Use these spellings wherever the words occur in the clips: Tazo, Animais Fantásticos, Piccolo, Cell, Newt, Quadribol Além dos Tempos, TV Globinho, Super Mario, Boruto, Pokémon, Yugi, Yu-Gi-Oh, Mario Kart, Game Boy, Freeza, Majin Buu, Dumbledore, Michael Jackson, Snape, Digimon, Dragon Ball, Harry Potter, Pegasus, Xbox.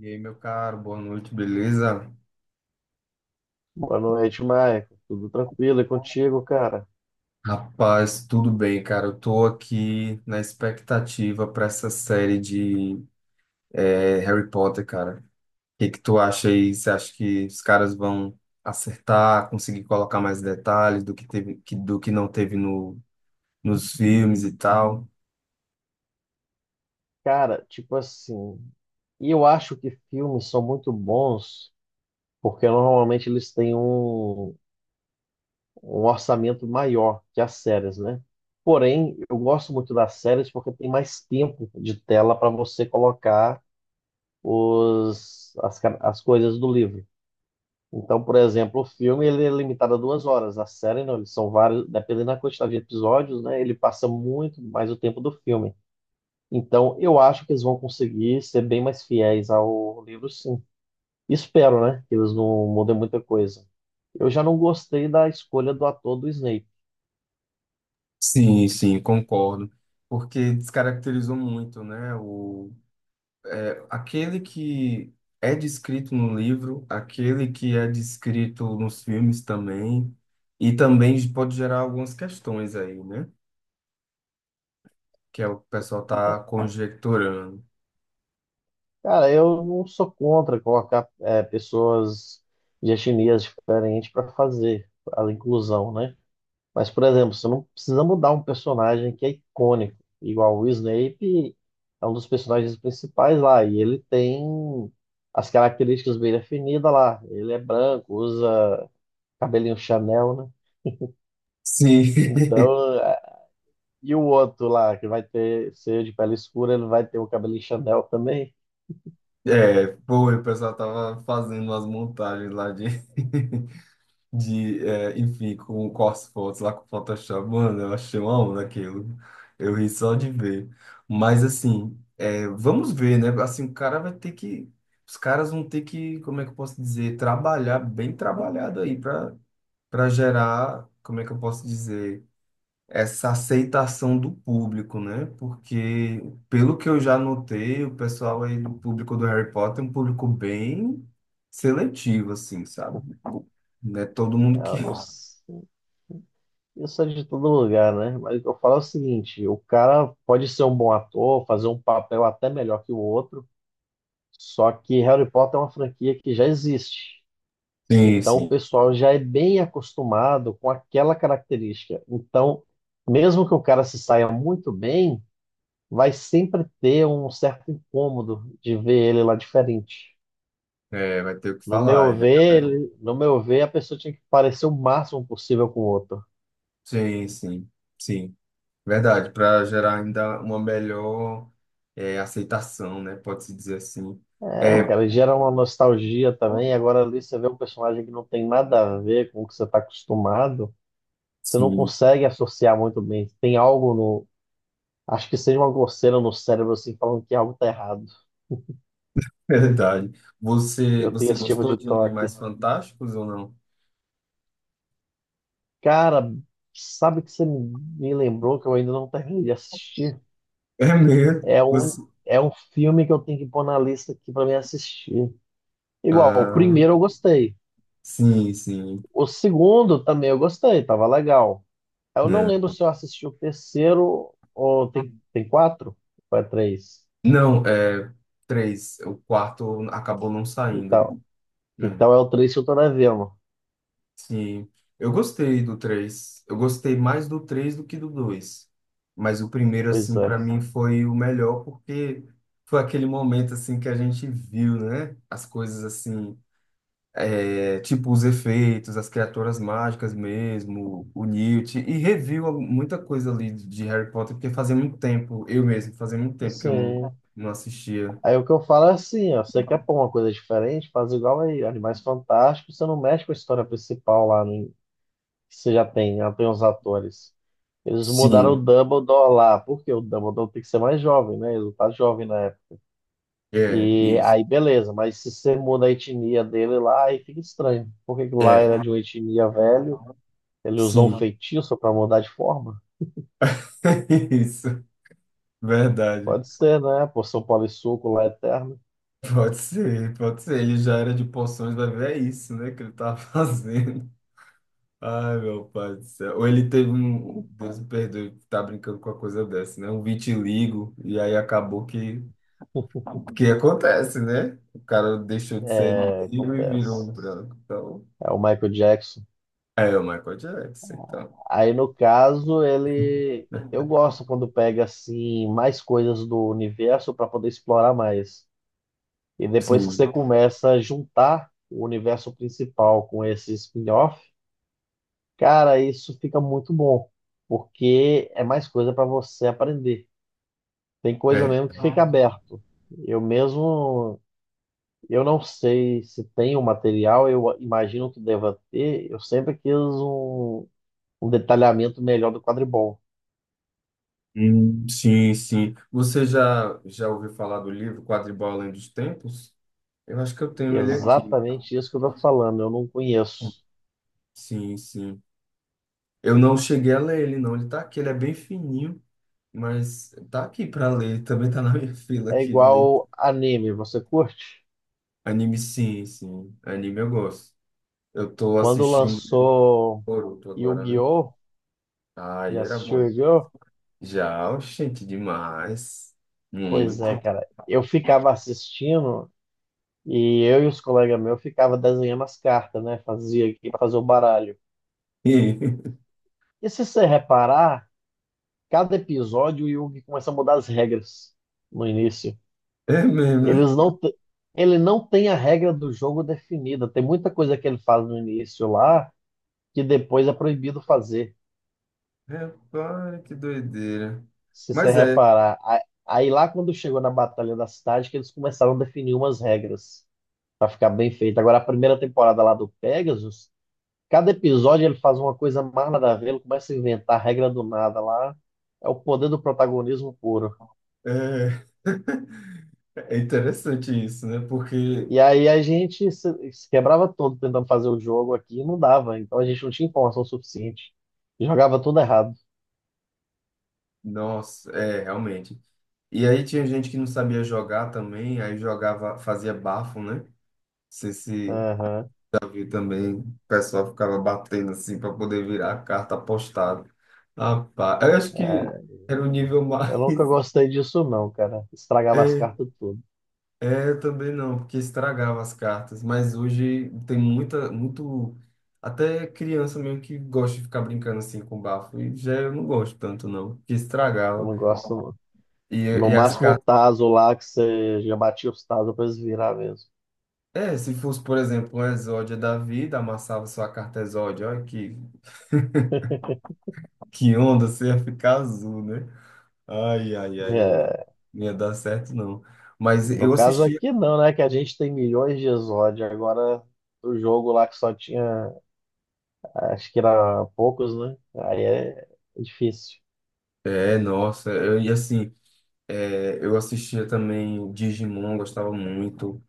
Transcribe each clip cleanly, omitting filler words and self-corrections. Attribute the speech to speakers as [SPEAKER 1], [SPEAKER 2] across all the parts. [SPEAKER 1] E aí, meu caro, boa noite, beleza?
[SPEAKER 2] Boa noite, Maicon. Tudo tranquilo? E contigo, cara?
[SPEAKER 1] Rapaz, tudo bem, cara. Eu tô aqui na expectativa para essa série de Harry Potter, cara. O que que tu acha aí? Você acha que os caras vão acertar, conseguir colocar mais detalhes do que teve, do que não teve no, nos filmes e tal?
[SPEAKER 2] Cara, tipo assim, e eu acho que filmes são muito bons porque normalmente eles têm um orçamento maior que as séries, né? Porém, eu gosto muito das séries porque tem mais tempo de tela para você colocar as coisas do livro. Então, por exemplo, o filme ele é limitado a 2 horas, a série não, eles são vários, dependendo da quantidade de episódios, né? Ele passa muito mais o tempo do filme. Então, eu acho que eles vão conseguir ser bem mais fiéis ao livro, sim. Espero, né? Que eles não mudem muita coisa. Eu já não gostei da escolha do ator do Snape.
[SPEAKER 1] Sim, sim, concordo. Porque descaracterizou muito, né? É, aquele que é descrito no livro, aquele que é descrito nos filmes também, e também pode gerar algumas questões aí, né? Que é o que o pessoal tá conjecturando.
[SPEAKER 2] Cara, eu não sou contra colocar pessoas de etnias diferentes para fazer a inclusão, né? Mas, por exemplo, você não precisa mudar um personagem que é icônico, igual o Snape é um dos personagens principais lá, e ele tem as características bem definidas lá. Ele é branco, usa cabelinho Chanel, né?
[SPEAKER 1] Sim,
[SPEAKER 2] Então, e o outro lá, que ser de pele escura, ele vai ter o cabelinho Chanel também?
[SPEAKER 1] é, foi, o pessoal tava fazendo as montagens lá de de, é, enfim, com as fotos lá com o Photoshop, mano, eu achei uma onda aquilo. Eu ri só de ver. Mas, assim, é, vamos ver, né? Assim, o cara vai ter que. Os caras vão ter que, como é que eu posso dizer, trabalhar bem trabalhado aí para gerar, como é que eu posso dizer, essa aceitação do público, né? Porque, pelo que eu já notei, o pessoal aí do público do Harry Potter é um público bem seletivo, assim, sabe? Não é todo mundo
[SPEAKER 2] Ah,
[SPEAKER 1] que.
[SPEAKER 2] eu não sei. Isso é de todo lugar, né? Mas eu falo o seguinte, o cara pode ser um bom ator, fazer um papel até melhor que o outro, só que Harry Potter é uma franquia que já existe.
[SPEAKER 1] Sim,
[SPEAKER 2] Então,
[SPEAKER 1] sim.
[SPEAKER 2] o pessoal já é bem acostumado com aquela característica. Então, mesmo que o cara se saia muito bem, vai sempre ter um certo incômodo de ver ele lá diferente.
[SPEAKER 1] É, vai ter o que
[SPEAKER 2] No meu
[SPEAKER 1] falar, né,
[SPEAKER 2] ver,
[SPEAKER 1] galera?
[SPEAKER 2] no meu ver, a pessoa tinha que parecer o máximo possível com o outro.
[SPEAKER 1] Sim, sim, sim. Verdade, para gerar ainda uma melhor aceitação, né? Pode-se dizer assim.
[SPEAKER 2] É,
[SPEAKER 1] É,
[SPEAKER 2] cara, gera uma nostalgia também. Agora ali você vê um personagem que não tem nada a ver com o que você está acostumado, você não
[SPEAKER 1] sim,
[SPEAKER 2] consegue associar muito bem. Tem algo no, acho que seja uma coceira no cérebro assim falando que algo tá errado.
[SPEAKER 1] verdade. Você,
[SPEAKER 2] Eu tenho
[SPEAKER 1] você
[SPEAKER 2] esse tipo
[SPEAKER 1] gostou
[SPEAKER 2] de
[SPEAKER 1] de
[SPEAKER 2] toque.
[SPEAKER 1] Animais Fantásticos ou não?
[SPEAKER 2] Cara, sabe que você me lembrou que eu ainda não terminei de assistir?
[SPEAKER 1] É mesmo?
[SPEAKER 2] É um,
[SPEAKER 1] Você...
[SPEAKER 2] é um filme que eu tenho que pôr na lista aqui pra me assistir. Igual, o
[SPEAKER 1] Ah,
[SPEAKER 2] primeiro eu gostei.
[SPEAKER 1] sim, sim.
[SPEAKER 2] O segundo também eu gostei, tava legal. Eu não lembro
[SPEAKER 1] É.
[SPEAKER 2] se eu assisti o terceiro ou tem quatro? Ou é três?
[SPEAKER 1] Não, é três. O quarto acabou não
[SPEAKER 2] Então,
[SPEAKER 1] saindo. É.
[SPEAKER 2] então é o três que eu tô devendo.
[SPEAKER 1] Sim, eu gostei do três. Eu gostei mais do 3 do que do dois. Mas o primeiro,
[SPEAKER 2] Pois
[SPEAKER 1] assim,
[SPEAKER 2] é.
[SPEAKER 1] para mim foi o melhor, porque foi aquele momento, assim, que a gente viu, né? As coisas, assim, é, tipo os efeitos, as criaturas mágicas mesmo, o Newt, e reviu muita coisa ali de Harry Potter, porque fazia muito tempo, eu mesmo, fazia muito tempo que eu não,
[SPEAKER 2] Sim.
[SPEAKER 1] não assistia.
[SPEAKER 2] Aí o que eu falo é assim, ó, você quer pôr uma coisa diferente, faz igual aí, Animais Fantásticos, você não mexe com a história principal lá, né? Você já tem os atores. Eles mudaram o
[SPEAKER 1] Sim,
[SPEAKER 2] Dumbledore lá, porque o Dumbledore tem que ser mais jovem, né? Ele não tá jovem na época.
[SPEAKER 1] é,
[SPEAKER 2] E
[SPEAKER 1] isso.
[SPEAKER 2] aí, beleza, mas se você muda a etnia dele lá, aí fica estranho. Porque lá era
[SPEAKER 1] É,
[SPEAKER 2] de uma etnia velho, ele usou um
[SPEAKER 1] sim,
[SPEAKER 2] feitiço para mudar de forma?
[SPEAKER 1] isso, verdade.
[SPEAKER 2] Pode ser, né? A poção polissuco lá eterna.
[SPEAKER 1] Pode ser, pode ser. Ele já era de poções, vai ver, é isso, né, que ele tá fazendo. Ai, meu pai do céu. Ou ele teve um, Deus me perdoe, tá brincando com a coisa dessa, né? Um vitiligo, e aí acabou que, que acontece, né? O cara deixou de ser
[SPEAKER 2] É,
[SPEAKER 1] negro e virou
[SPEAKER 2] acontece.
[SPEAKER 1] um branco. Então,
[SPEAKER 2] É o Michael Jackson.
[SPEAKER 1] é o Michael Jackson, então,
[SPEAKER 2] Aí, no caso, ele. Eu
[SPEAKER 1] né?
[SPEAKER 2] gosto quando pega assim mais coisas do universo para poder explorar mais. E depois que
[SPEAKER 1] Sim,
[SPEAKER 2] você começa a juntar o universo principal com esse spin-off, cara, isso fica muito bom, porque é mais coisa para você aprender. Tem coisa
[SPEAKER 1] é.
[SPEAKER 2] mesmo que fica aberto. Eu mesmo, eu não sei se tem o material, eu imagino que deva ter. Eu sempre quis um detalhamento melhor do quadribol.
[SPEAKER 1] Sim, sim. Você já ouviu falar do livro Quadribol Além dos Tempos? Eu acho que eu tenho ele aqui.
[SPEAKER 2] Exatamente isso que eu tô falando, eu não conheço.
[SPEAKER 1] Sim, sim. Eu não cheguei a ler ele, não. Ele tá aqui, ele é bem fininho, mas tá aqui pra ler. Também tá na minha fila
[SPEAKER 2] É
[SPEAKER 1] aqui de ler.
[SPEAKER 2] igual anime, você curte?
[SPEAKER 1] Anime, sim, sim. Anime eu gosto. Eu tô
[SPEAKER 2] Quando
[SPEAKER 1] assistindo
[SPEAKER 2] lançou
[SPEAKER 1] Boruto agora, né?
[SPEAKER 2] Yu-Gi-Oh!
[SPEAKER 1] Ai,
[SPEAKER 2] Já
[SPEAKER 1] era
[SPEAKER 2] assistiu
[SPEAKER 1] bom.
[SPEAKER 2] Yu-Gi-Oh?
[SPEAKER 1] Já, gente, demais. Muito.
[SPEAKER 2] Pois é, cara. Eu ficava assistindo e eu e os colegas meus ficava desenhando as cartas, né? Fazia aqui para fazer o baralho.
[SPEAKER 1] E-
[SPEAKER 2] E se você reparar, cada episódio o Yugi começa a mudar as regras no início.
[SPEAKER 1] É mesmo, né?
[SPEAKER 2] Eles não te- Ele não tem a regra do jogo definida. Tem muita coisa que ele faz no início lá que depois é proibido fazer,
[SPEAKER 1] Rapaz, que doideira.
[SPEAKER 2] se você
[SPEAKER 1] Mas é,
[SPEAKER 2] reparar. Aí lá quando chegou na Batalha da Cidade que eles começaram a definir umas regras. Pra ficar bem feito. Agora, a primeira temporada lá do Pegasus, cada episódio ele faz uma coisa mais nada a ver, ele começa a inventar regra do nada lá. É o poder do protagonismo puro.
[SPEAKER 1] é, é interessante isso, né? Porque,
[SPEAKER 2] E aí a gente se quebrava todo tentando fazer o jogo aqui e não dava. Então a gente não tinha informação suficiente. Jogava tudo errado.
[SPEAKER 1] nossa, é, realmente. E aí tinha gente que não sabia jogar também, aí jogava, fazia bafo, né? Não sei se
[SPEAKER 2] Aham.
[SPEAKER 1] já viu também, o pessoal ficava batendo assim para poder virar a carta apostada. Rapaz, eu acho que
[SPEAKER 2] É,
[SPEAKER 1] era o nível mais.
[SPEAKER 2] eu nunca gostei disso, não, cara. Estragava as
[SPEAKER 1] É,
[SPEAKER 2] cartas tudo.
[SPEAKER 1] é, eu também não, porque estragava as cartas. Mas hoje tem muita, muito. Até criança mesmo que gosta de ficar brincando assim com bafo. E já eu não gosto tanto, não, porque
[SPEAKER 2] Eu
[SPEAKER 1] estragava.
[SPEAKER 2] não gosto,
[SPEAKER 1] E,
[SPEAKER 2] não. No
[SPEAKER 1] e as
[SPEAKER 2] máximo o
[SPEAKER 1] cartas.
[SPEAKER 2] Tazo lá, que você já batia os Tazo pra eles virar mesmo.
[SPEAKER 1] É, se fosse, por exemplo, um exódio da vida, amassava sua carta exódio, olha que onda, você ia ficar azul, né? Ai, ai, ai, ai,
[SPEAKER 2] É.
[SPEAKER 1] não ia dar certo, não. Mas
[SPEAKER 2] No
[SPEAKER 1] eu
[SPEAKER 2] caso
[SPEAKER 1] assistia,
[SPEAKER 2] aqui não, né? Que a gente tem milhões de exódio. Agora, o jogo lá que só tinha, acho que era poucos, né? Aí é difícil.
[SPEAKER 1] nossa, eu, e assim, eu assistia também Digimon, gostava muito,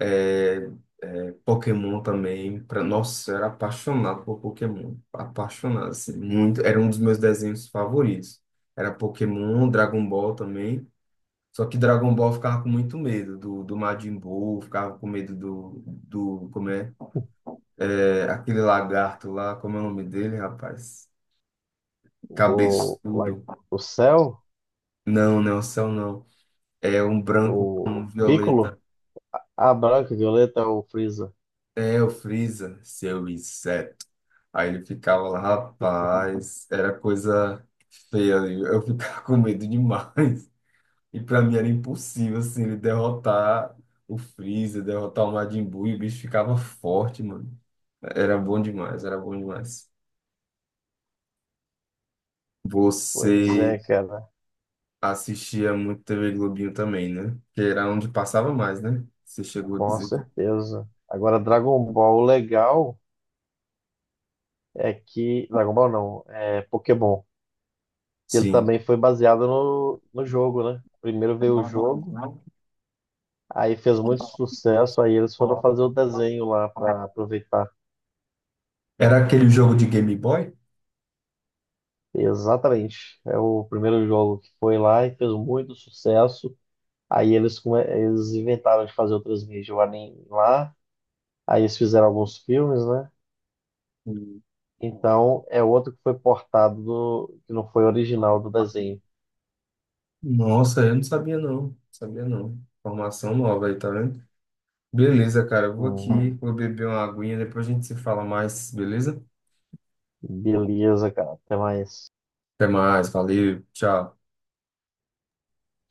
[SPEAKER 1] é, Pokémon também, pra, nossa, eu era apaixonado por Pokémon, apaixonado, assim, muito, era um dos meus desenhos favoritos. Era Pokémon, Dragon Ball também. Só que Dragon Ball eu ficava com muito medo do, do Majin Buu, ficava com medo do como é, é, aquele lagarto lá, como é o nome dele, rapaz?
[SPEAKER 2] O, lá-
[SPEAKER 1] Cabeçudo.
[SPEAKER 2] o Cell,
[SPEAKER 1] Não, não, céu não. É um branco
[SPEAKER 2] o
[SPEAKER 1] com
[SPEAKER 2] Piccolo,
[SPEAKER 1] violeta.
[SPEAKER 2] a Branca, a Violeta, o Freeza.
[SPEAKER 1] É o Freeza, seu inseto. Aí ele ficava lá, rapaz, era coisa feia ali. Eu ficava com medo demais. E pra mim era impossível, assim, ele derrotar o Freeza, derrotar o Majin Buu, e o bicho ficava forte, mano. Era bom demais, era bom demais.
[SPEAKER 2] Pois
[SPEAKER 1] Você
[SPEAKER 2] é, cara,
[SPEAKER 1] assistia muito TV Globinho também, né? Que era onde passava mais, né? Você chegou a
[SPEAKER 2] com
[SPEAKER 1] dizer.
[SPEAKER 2] certeza. Agora, Dragon Ball, o legal é que. Dragon Ball não, é Pokémon. Que ele
[SPEAKER 1] Sim.
[SPEAKER 2] também foi baseado no jogo, né? Primeiro veio o jogo. Aí fez muito sucesso, aí eles foram fazer o desenho lá para aproveitar.
[SPEAKER 1] Era aquele jogo de Game Boy?
[SPEAKER 2] Exatamente. É o primeiro jogo que foi lá e fez muito sucesso. Aí eles inventaram de fazer outras mídias o anime lá. Aí eles fizeram alguns filmes, né? Então é outro que foi portado do... que não foi original do desenho.
[SPEAKER 1] Nossa, eu não sabia, não. Não sabia, não. Formação nova aí, tá vendo? Beleza, cara. Eu vou aqui,
[SPEAKER 2] Hum,
[SPEAKER 1] vou beber uma aguinha, depois a gente se fala mais, beleza?
[SPEAKER 2] beleza, cara. Até mais.
[SPEAKER 1] Até mais, valeu, tchau.